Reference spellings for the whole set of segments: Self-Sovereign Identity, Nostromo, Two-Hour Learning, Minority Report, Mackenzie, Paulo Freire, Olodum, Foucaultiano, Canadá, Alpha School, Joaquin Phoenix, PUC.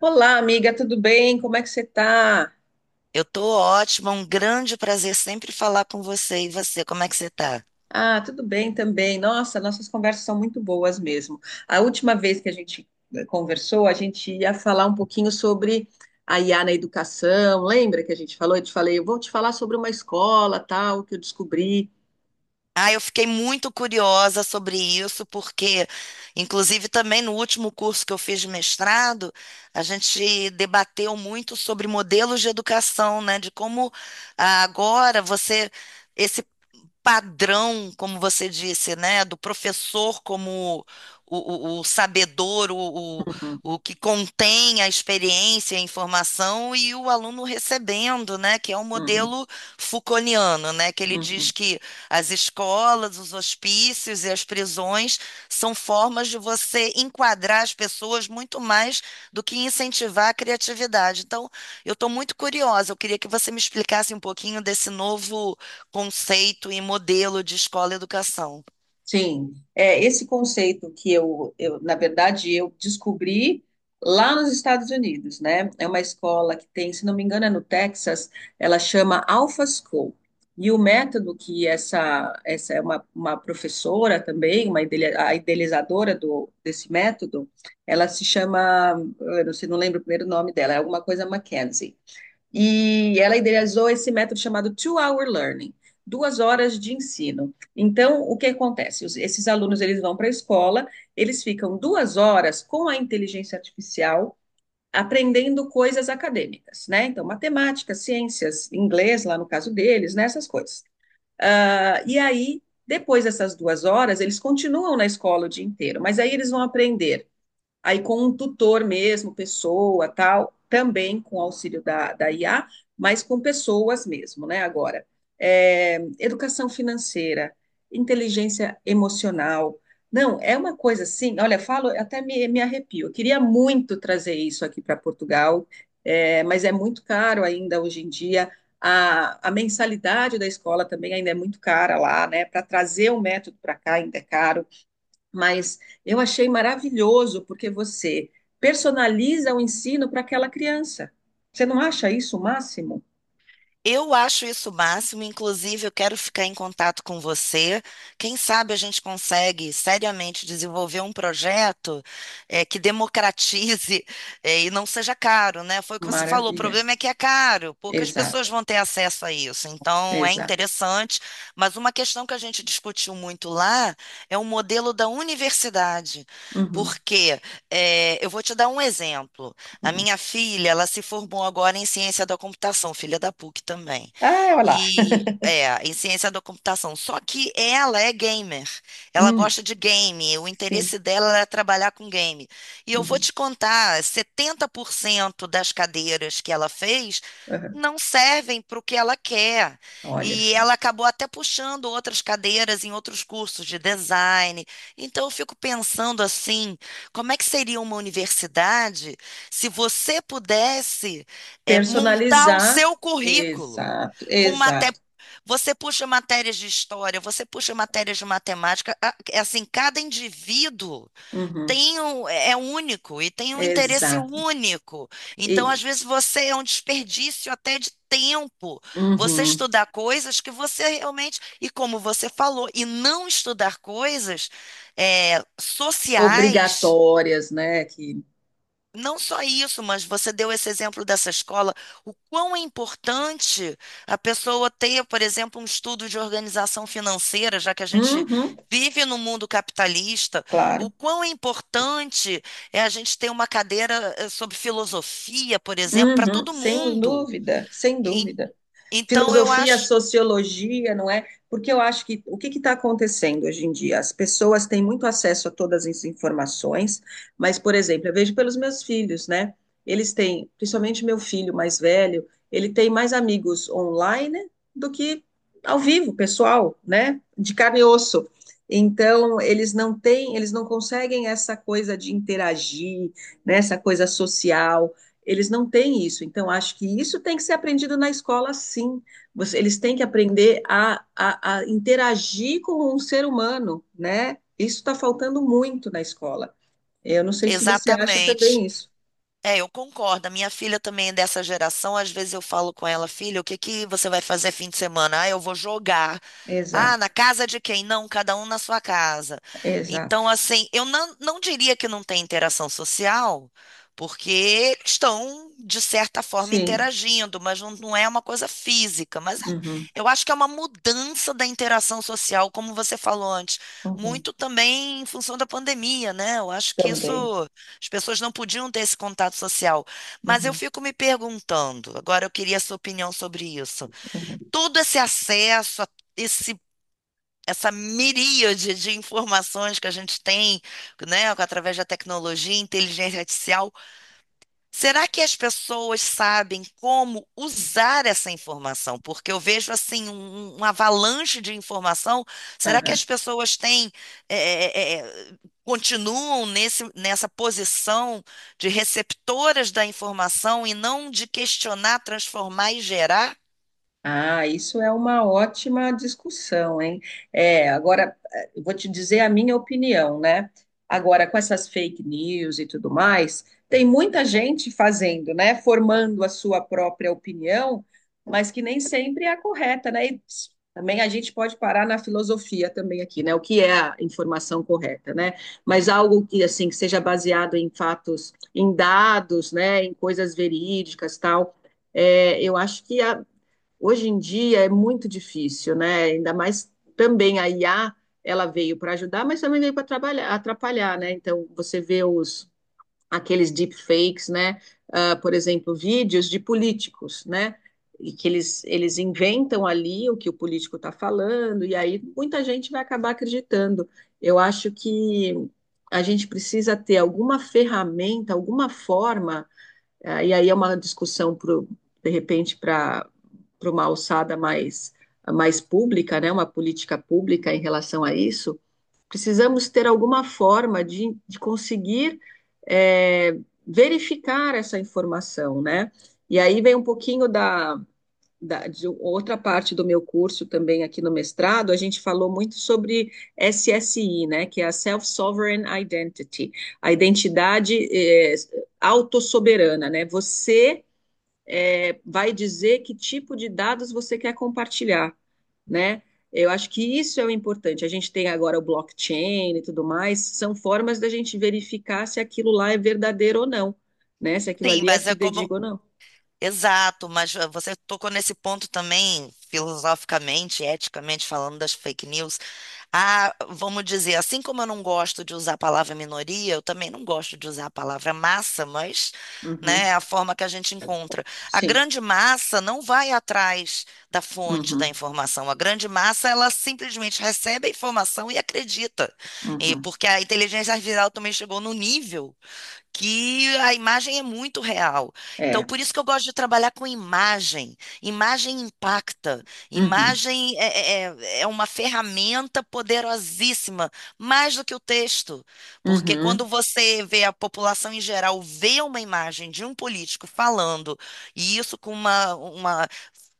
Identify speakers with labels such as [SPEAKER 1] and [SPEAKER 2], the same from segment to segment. [SPEAKER 1] Olá, amiga, tudo bem? Como é que você tá?
[SPEAKER 2] Eu tô ótima, um grande prazer sempre falar com você. E você, como é que você tá?
[SPEAKER 1] Ah, tudo bem também. Nossa, nossas conversas são muito boas mesmo. A última vez que a gente conversou, a gente ia falar um pouquinho sobre a IA na educação. Lembra que a gente falou? Eu te falei, eu vou te falar sobre uma escola, tal, que eu descobri.
[SPEAKER 2] Ah, eu fiquei muito curiosa sobre isso, porque, inclusive, também no último curso que eu fiz de mestrado, a gente debateu muito sobre modelos de educação, né? De como agora você. Esse padrão, como você disse, né, do professor como o sabedor,
[SPEAKER 1] Uhum,
[SPEAKER 2] o que contém a experiência, a informação, e o aluno recebendo, né, que é o
[SPEAKER 1] uhum,
[SPEAKER 2] modelo Foucaultiano, né, que ele diz
[SPEAKER 1] uhum.
[SPEAKER 2] que as escolas, os hospícios e as prisões são formas de você enquadrar as pessoas muito mais do que incentivar a criatividade. Então, eu estou muito curiosa, eu queria que você me explicasse um pouquinho desse novo conceito e modelo de escola e educação.
[SPEAKER 1] Sim, é esse conceito que eu, na verdade, eu descobri lá nos Estados Unidos, né? É uma escola que tem, se não me engano, é no Texas, ela chama Alpha School. E o método que essa é uma professora também, uma a idealizadora do, desse método, ela se chama, eu não sei, não lembro o primeiro nome dela, é alguma coisa Mackenzie, e ela idealizou esse método chamado Two-Hour Learning, duas horas de ensino. Então, o que acontece? Esses alunos, eles vão para a escola, eles ficam duas horas com a inteligência artificial aprendendo coisas acadêmicas, né? Então, matemática, ciências, inglês, lá no caso deles, né? Essas coisas. Ah, e aí, depois dessas duas horas, eles continuam na escola o dia inteiro, mas aí eles vão aprender aí com um tutor mesmo, pessoa, tal, também com auxílio da IA, mas com pessoas mesmo, né? Agora, é, educação financeira, inteligência emocional. Não, é uma coisa assim, olha, falo, até me arrepio. Eu queria muito trazer isso aqui para Portugal, é, mas é muito caro ainda hoje em dia. A mensalidade da escola também ainda é muito cara lá, né? Para trazer o método para cá ainda é caro, mas eu achei maravilhoso porque você personaliza o ensino para aquela criança. Você não acha isso o máximo?
[SPEAKER 2] Eu acho isso o máximo, inclusive eu quero ficar em contato com você. Quem sabe a gente consegue seriamente desenvolver um projeto que democratize e não seja caro, né? Foi o que você falou, o
[SPEAKER 1] Maravilha.
[SPEAKER 2] problema é que é caro, poucas pessoas
[SPEAKER 1] Exato,
[SPEAKER 2] vão ter acesso a isso. Então é
[SPEAKER 1] exato.
[SPEAKER 2] interessante, mas uma questão que a gente discutiu muito lá é o modelo da universidade,
[SPEAKER 1] Uhum,
[SPEAKER 2] porque eu vou te dar um exemplo. A
[SPEAKER 1] uhum.
[SPEAKER 2] minha filha, ela se formou agora em ciência da computação, filha da PUC também.
[SPEAKER 1] Ah, olha lá.
[SPEAKER 2] E é, em ciência da computação. Só que ela é gamer. Ela
[SPEAKER 1] Hum,
[SPEAKER 2] gosta de game. O
[SPEAKER 1] sim.
[SPEAKER 2] interesse dela é trabalhar com game. E eu vou
[SPEAKER 1] Uhum,
[SPEAKER 2] te contar, 70% das cadeiras que ela fez
[SPEAKER 1] uhum.
[SPEAKER 2] não servem para o que ela quer.
[SPEAKER 1] Olha
[SPEAKER 2] E
[SPEAKER 1] só.
[SPEAKER 2] ela acabou até puxando outras cadeiras em outros cursos de design. Então eu fico pensando assim, como é que seria uma universidade? Se você pudesse, montar o
[SPEAKER 1] Personalizar.
[SPEAKER 2] seu currículo
[SPEAKER 1] Exato,
[SPEAKER 2] com maté...
[SPEAKER 1] exato.
[SPEAKER 2] Você puxa matérias de história, você puxa matérias de matemática, a- é assim, cada indivíduo
[SPEAKER 1] Uhum,
[SPEAKER 2] tem um, é único e tem um interesse
[SPEAKER 1] exato.
[SPEAKER 2] único. Então,
[SPEAKER 1] E
[SPEAKER 2] às vezes, você é um desperdício até de tempo. Você
[SPEAKER 1] uhum,
[SPEAKER 2] estudar coisas que você realmente, e como você falou, e não estudar coisas sociais,
[SPEAKER 1] obrigatórias, né? Que,
[SPEAKER 2] não só isso, mas você deu esse exemplo dessa escola, o quão é importante a pessoa ter, por exemplo, um estudo de organização financeira, já que a gente
[SPEAKER 1] uhum,
[SPEAKER 2] vive no mundo capitalista, o
[SPEAKER 1] claro.
[SPEAKER 2] quão é importante é a gente ter uma cadeira sobre filosofia, por exemplo, para
[SPEAKER 1] Uhum,
[SPEAKER 2] todo
[SPEAKER 1] sem
[SPEAKER 2] mundo.
[SPEAKER 1] dúvida, sem
[SPEAKER 2] E-
[SPEAKER 1] dúvida.
[SPEAKER 2] então, eu
[SPEAKER 1] Filosofia,
[SPEAKER 2] acho.
[SPEAKER 1] sociologia, não é? Porque eu acho que o que está acontecendo hoje em dia? As pessoas têm muito acesso a todas as informações, mas, por exemplo, eu vejo pelos meus filhos, né? Eles têm, principalmente meu filho mais velho, ele tem mais amigos online do que ao vivo, pessoal, né? De carne e osso. Então, eles não têm, eles não conseguem essa coisa de interagir, né, essa coisa social. Eles não têm isso. Então, acho que isso tem que ser aprendido na escola, sim. Eles têm que aprender a interagir com um ser humano, né? Isso está faltando muito na escola. Eu não sei se você acha
[SPEAKER 2] Exatamente.
[SPEAKER 1] também isso.
[SPEAKER 2] É, eu concordo. A minha filha também é dessa geração. Às vezes eu falo com ela, filha, o que que você vai fazer fim de semana? Ah, eu vou jogar. Ah, na
[SPEAKER 1] Exato,
[SPEAKER 2] casa de quem? Não, cada um na sua casa.
[SPEAKER 1] exato.
[SPEAKER 2] Então, assim, eu não diria que não tem interação social, porque eles estão, de certa forma,
[SPEAKER 1] Sim.
[SPEAKER 2] interagindo, mas não é uma coisa física.
[SPEAKER 1] Uhum,
[SPEAKER 2] Eu acho que é uma mudança da interação social, como você falou antes,
[SPEAKER 1] uhum.
[SPEAKER 2] muito também em função da pandemia, né? Eu acho que isso.
[SPEAKER 1] Também.
[SPEAKER 2] As pessoas não podiam ter esse contato social. Mas eu
[SPEAKER 1] Uhum,
[SPEAKER 2] fico me perguntando, agora eu queria a sua opinião sobre isso.
[SPEAKER 1] uhum.
[SPEAKER 2] Todo esse acesso, a esse, essa miríade de informações que a gente tem, né, através da tecnologia, inteligência artificial. Será que as pessoas sabem como usar essa informação? Porque eu vejo assim um, um um avalanche de informação. Será que
[SPEAKER 1] Aham.
[SPEAKER 2] as pessoas têm eh, eh, eh, continuam nessa posição de receptoras da informação e não de questionar, transformar e gerar?
[SPEAKER 1] Ah, isso é uma ótima discussão, hein? É, agora, eu vou te dizer a minha opinião, né? Agora, com essas fake news e tudo mais, tem muita gente fazendo, né? Formando a sua própria opinião, mas que nem sempre é a correta, né? E ps, também a gente pode parar na filosofia também aqui, né? O que é a informação correta, né? Mas algo que, assim, que seja baseado em fatos, em dados, né? Em coisas verídicas, tal. É, eu acho que a- Hoje em dia é muito difícil, né? Ainda mais também a IA, ela veio para ajudar, mas também veio para atrapalhar, né? Então você vê os aqueles deepfakes, né? Ah, por exemplo, vídeos de políticos, né? E que eles inventam ali o que o político está falando, e aí muita gente vai acabar acreditando. Eu acho que a gente precisa ter alguma ferramenta, alguma forma e aí é uma discussão, para uma alçada mais pública, né? Uma política pública em relação a isso. Precisamos ter alguma forma de conseguir eh, verificar essa informação, né? E aí vem um pouquinho da, de outra parte do meu curso também aqui no mestrado, a gente falou muito sobre SSI, né, que é a Self-Sovereign Identity, a identidade autossoberana, né? Você vai dizer que tipo de dados você quer compartilhar, né? Eu acho que isso é o importante. A gente tem agora o blockchain e tudo mais, são formas da gente verificar se aquilo lá é verdadeiro ou não, né? Se aquilo
[SPEAKER 2] Sim,
[SPEAKER 1] ali é
[SPEAKER 2] mas é como
[SPEAKER 1] fidedigno ou não.
[SPEAKER 2] Exato, mas você tocou nesse ponto também, filosoficamente, eticamente falando das fake news. Ah, vamos dizer, assim como eu não gosto de usar a palavra minoria, eu também não gosto de usar a palavra massa, mas, né,
[SPEAKER 1] Uhum,
[SPEAKER 2] é a forma que a gente encontra. A
[SPEAKER 1] sim.
[SPEAKER 2] grande massa não vai atrás da fonte da
[SPEAKER 1] Uhum,
[SPEAKER 2] informação. A grande massa, ela simplesmente recebe a informação e acredita. E
[SPEAKER 1] uhum.
[SPEAKER 2] porque a inteligência artificial também chegou no nível que a imagem é muito real. Então,
[SPEAKER 1] É.
[SPEAKER 2] por isso que eu gosto de trabalhar com imagem. Imagem impacta.
[SPEAKER 1] Uhum,
[SPEAKER 2] Imagem é uma ferramenta poderosíssima, mais do que o texto. Porque
[SPEAKER 1] uhum,
[SPEAKER 2] quando você vê a população em geral vê uma imagem de um político falando, e isso com uma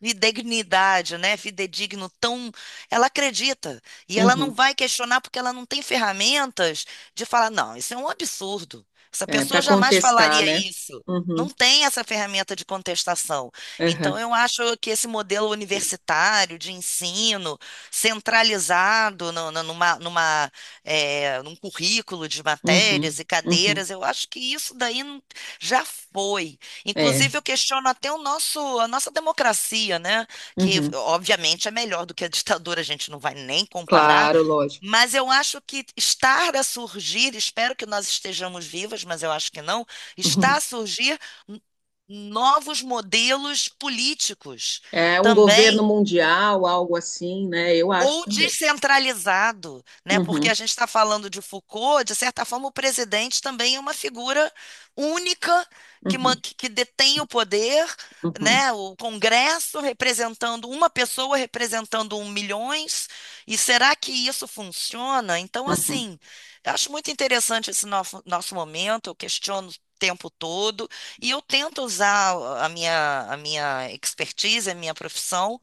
[SPEAKER 2] fidedignidade, né? Fidedigno tão. Ela acredita. E ela não
[SPEAKER 1] uhum.
[SPEAKER 2] vai questionar porque ela não tem ferramentas de falar, não, isso é um absurdo. Essa
[SPEAKER 1] É, para
[SPEAKER 2] pessoa jamais
[SPEAKER 1] contestar,
[SPEAKER 2] falaria
[SPEAKER 1] né?
[SPEAKER 2] isso. Não
[SPEAKER 1] Uhum,
[SPEAKER 2] tem essa ferramenta de contestação. Então,
[SPEAKER 1] aham,
[SPEAKER 2] eu acho que esse modelo universitário de ensino centralizado no- no- numa, numa, eh, num currículo de matérias
[SPEAKER 1] uhum,
[SPEAKER 2] e
[SPEAKER 1] uhum,
[SPEAKER 2] cadeiras, eu acho que isso daí já foi.
[SPEAKER 1] é,
[SPEAKER 2] Inclusive, eu questiono até o nosso, a nossa democracia, né? Que,
[SPEAKER 1] uhum.
[SPEAKER 2] obviamente, é melhor do que a ditadura, a gente não vai nem comparar,
[SPEAKER 1] Claro, lógico.
[SPEAKER 2] mas eu acho que está a surgir, espero que nós estejamos vivas, mas eu acho que não, está
[SPEAKER 1] Uhum.
[SPEAKER 2] a surgir n- novos modelos políticos
[SPEAKER 1] É um
[SPEAKER 2] também
[SPEAKER 1] governo mundial, algo assim, né? Eu acho
[SPEAKER 2] ou
[SPEAKER 1] também.
[SPEAKER 2] descentralizado, né? Porque a
[SPEAKER 1] Uhum,
[SPEAKER 2] gente está falando de Foucault, de certa forma, o presidente também é uma figura única que,
[SPEAKER 1] uhum,
[SPEAKER 2] que detém o poder,
[SPEAKER 1] uhum,
[SPEAKER 2] né? O Congresso representando uma pessoa, representando um milhões. E será que isso funciona? Então,
[SPEAKER 1] uhum.
[SPEAKER 2] assim, eu acho muito interessante esse nosso, nosso momento, eu questiono o tempo todo e eu tento usar a minha expertise, a minha profissão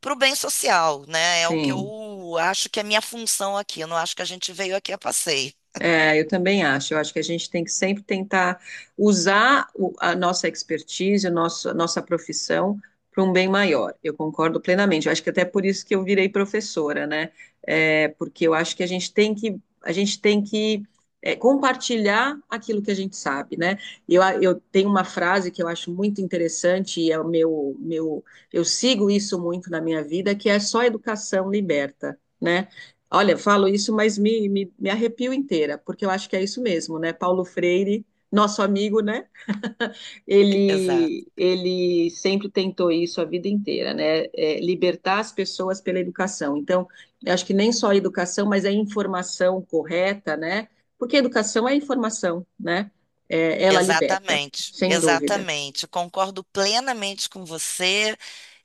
[SPEAKER 2] para o bem social, né? É o que
[SPEAKER 1] Sim.
[SPEAKER 2] eu acho que é minha função aqui. Eu não acho que a gente veio aqui a passeio.
[SPEAKER 1] É, eu também acho. Eu acho que a gente tem que sempre tentar usar a nossa expertise, o nosso, a nossa profissão para um bem maior. Eu concordo plenamente. Eu acho que até por isso que eu virei professora, né? É, porque eu acho que a gente tem que é, compartilhar aquilo que a gente sabe, né? Eu tenho uma frase que eu acho muito interessante e é o eu sigo isso muito na minha vida, que é só educação liberta, né? Olha, falo isso, mas me arrepio inteira, porque eu acho que é isso mesmo, né? Paulo Freire, nosso amigo, né? Ele,
[SPEAKER 2] Exato.
[SPEAKER 1] ele sempre tentou isso a vida inteira, né? É, libertar as pessoas pela educação. Então, eu acho que nem só a educação, mas a informação correta, né? Porque a educação é informação, né? É, ela liberta,
[SPEAKER 2] Exatamente,
[SPEAKER 1] sem dúvida.
[SPEAKER 2] exatamente. Concordo plenamente com você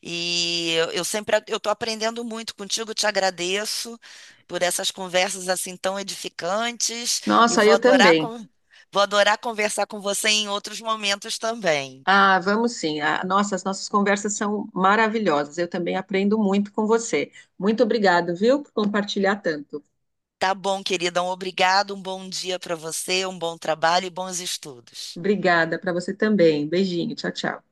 [SPEAKER 2] e eu sempre eu estou aprendendo muito contigo. Te agradeço por essas conversas assim tão edificantes e
[SPEAKER 1] Nossa, eu também.
[SPEAKER 2] vou adorar conversar com você em outros momentos também.
[SPEAKER 1] Ah, vamos sim. Ah, nossa, as nossas conversas são maravilhosas. Eu também aprendo muito com você. Muito obrigado, viu, por compartilhar tanto.
[SPEAKER 2] Tá bom, querida. Um obrigado, um bom dia para você, um bom trabalho e bons estudos.
[SPEAKER 1] Obrigada para você também. Beijinho, tchau, tchau.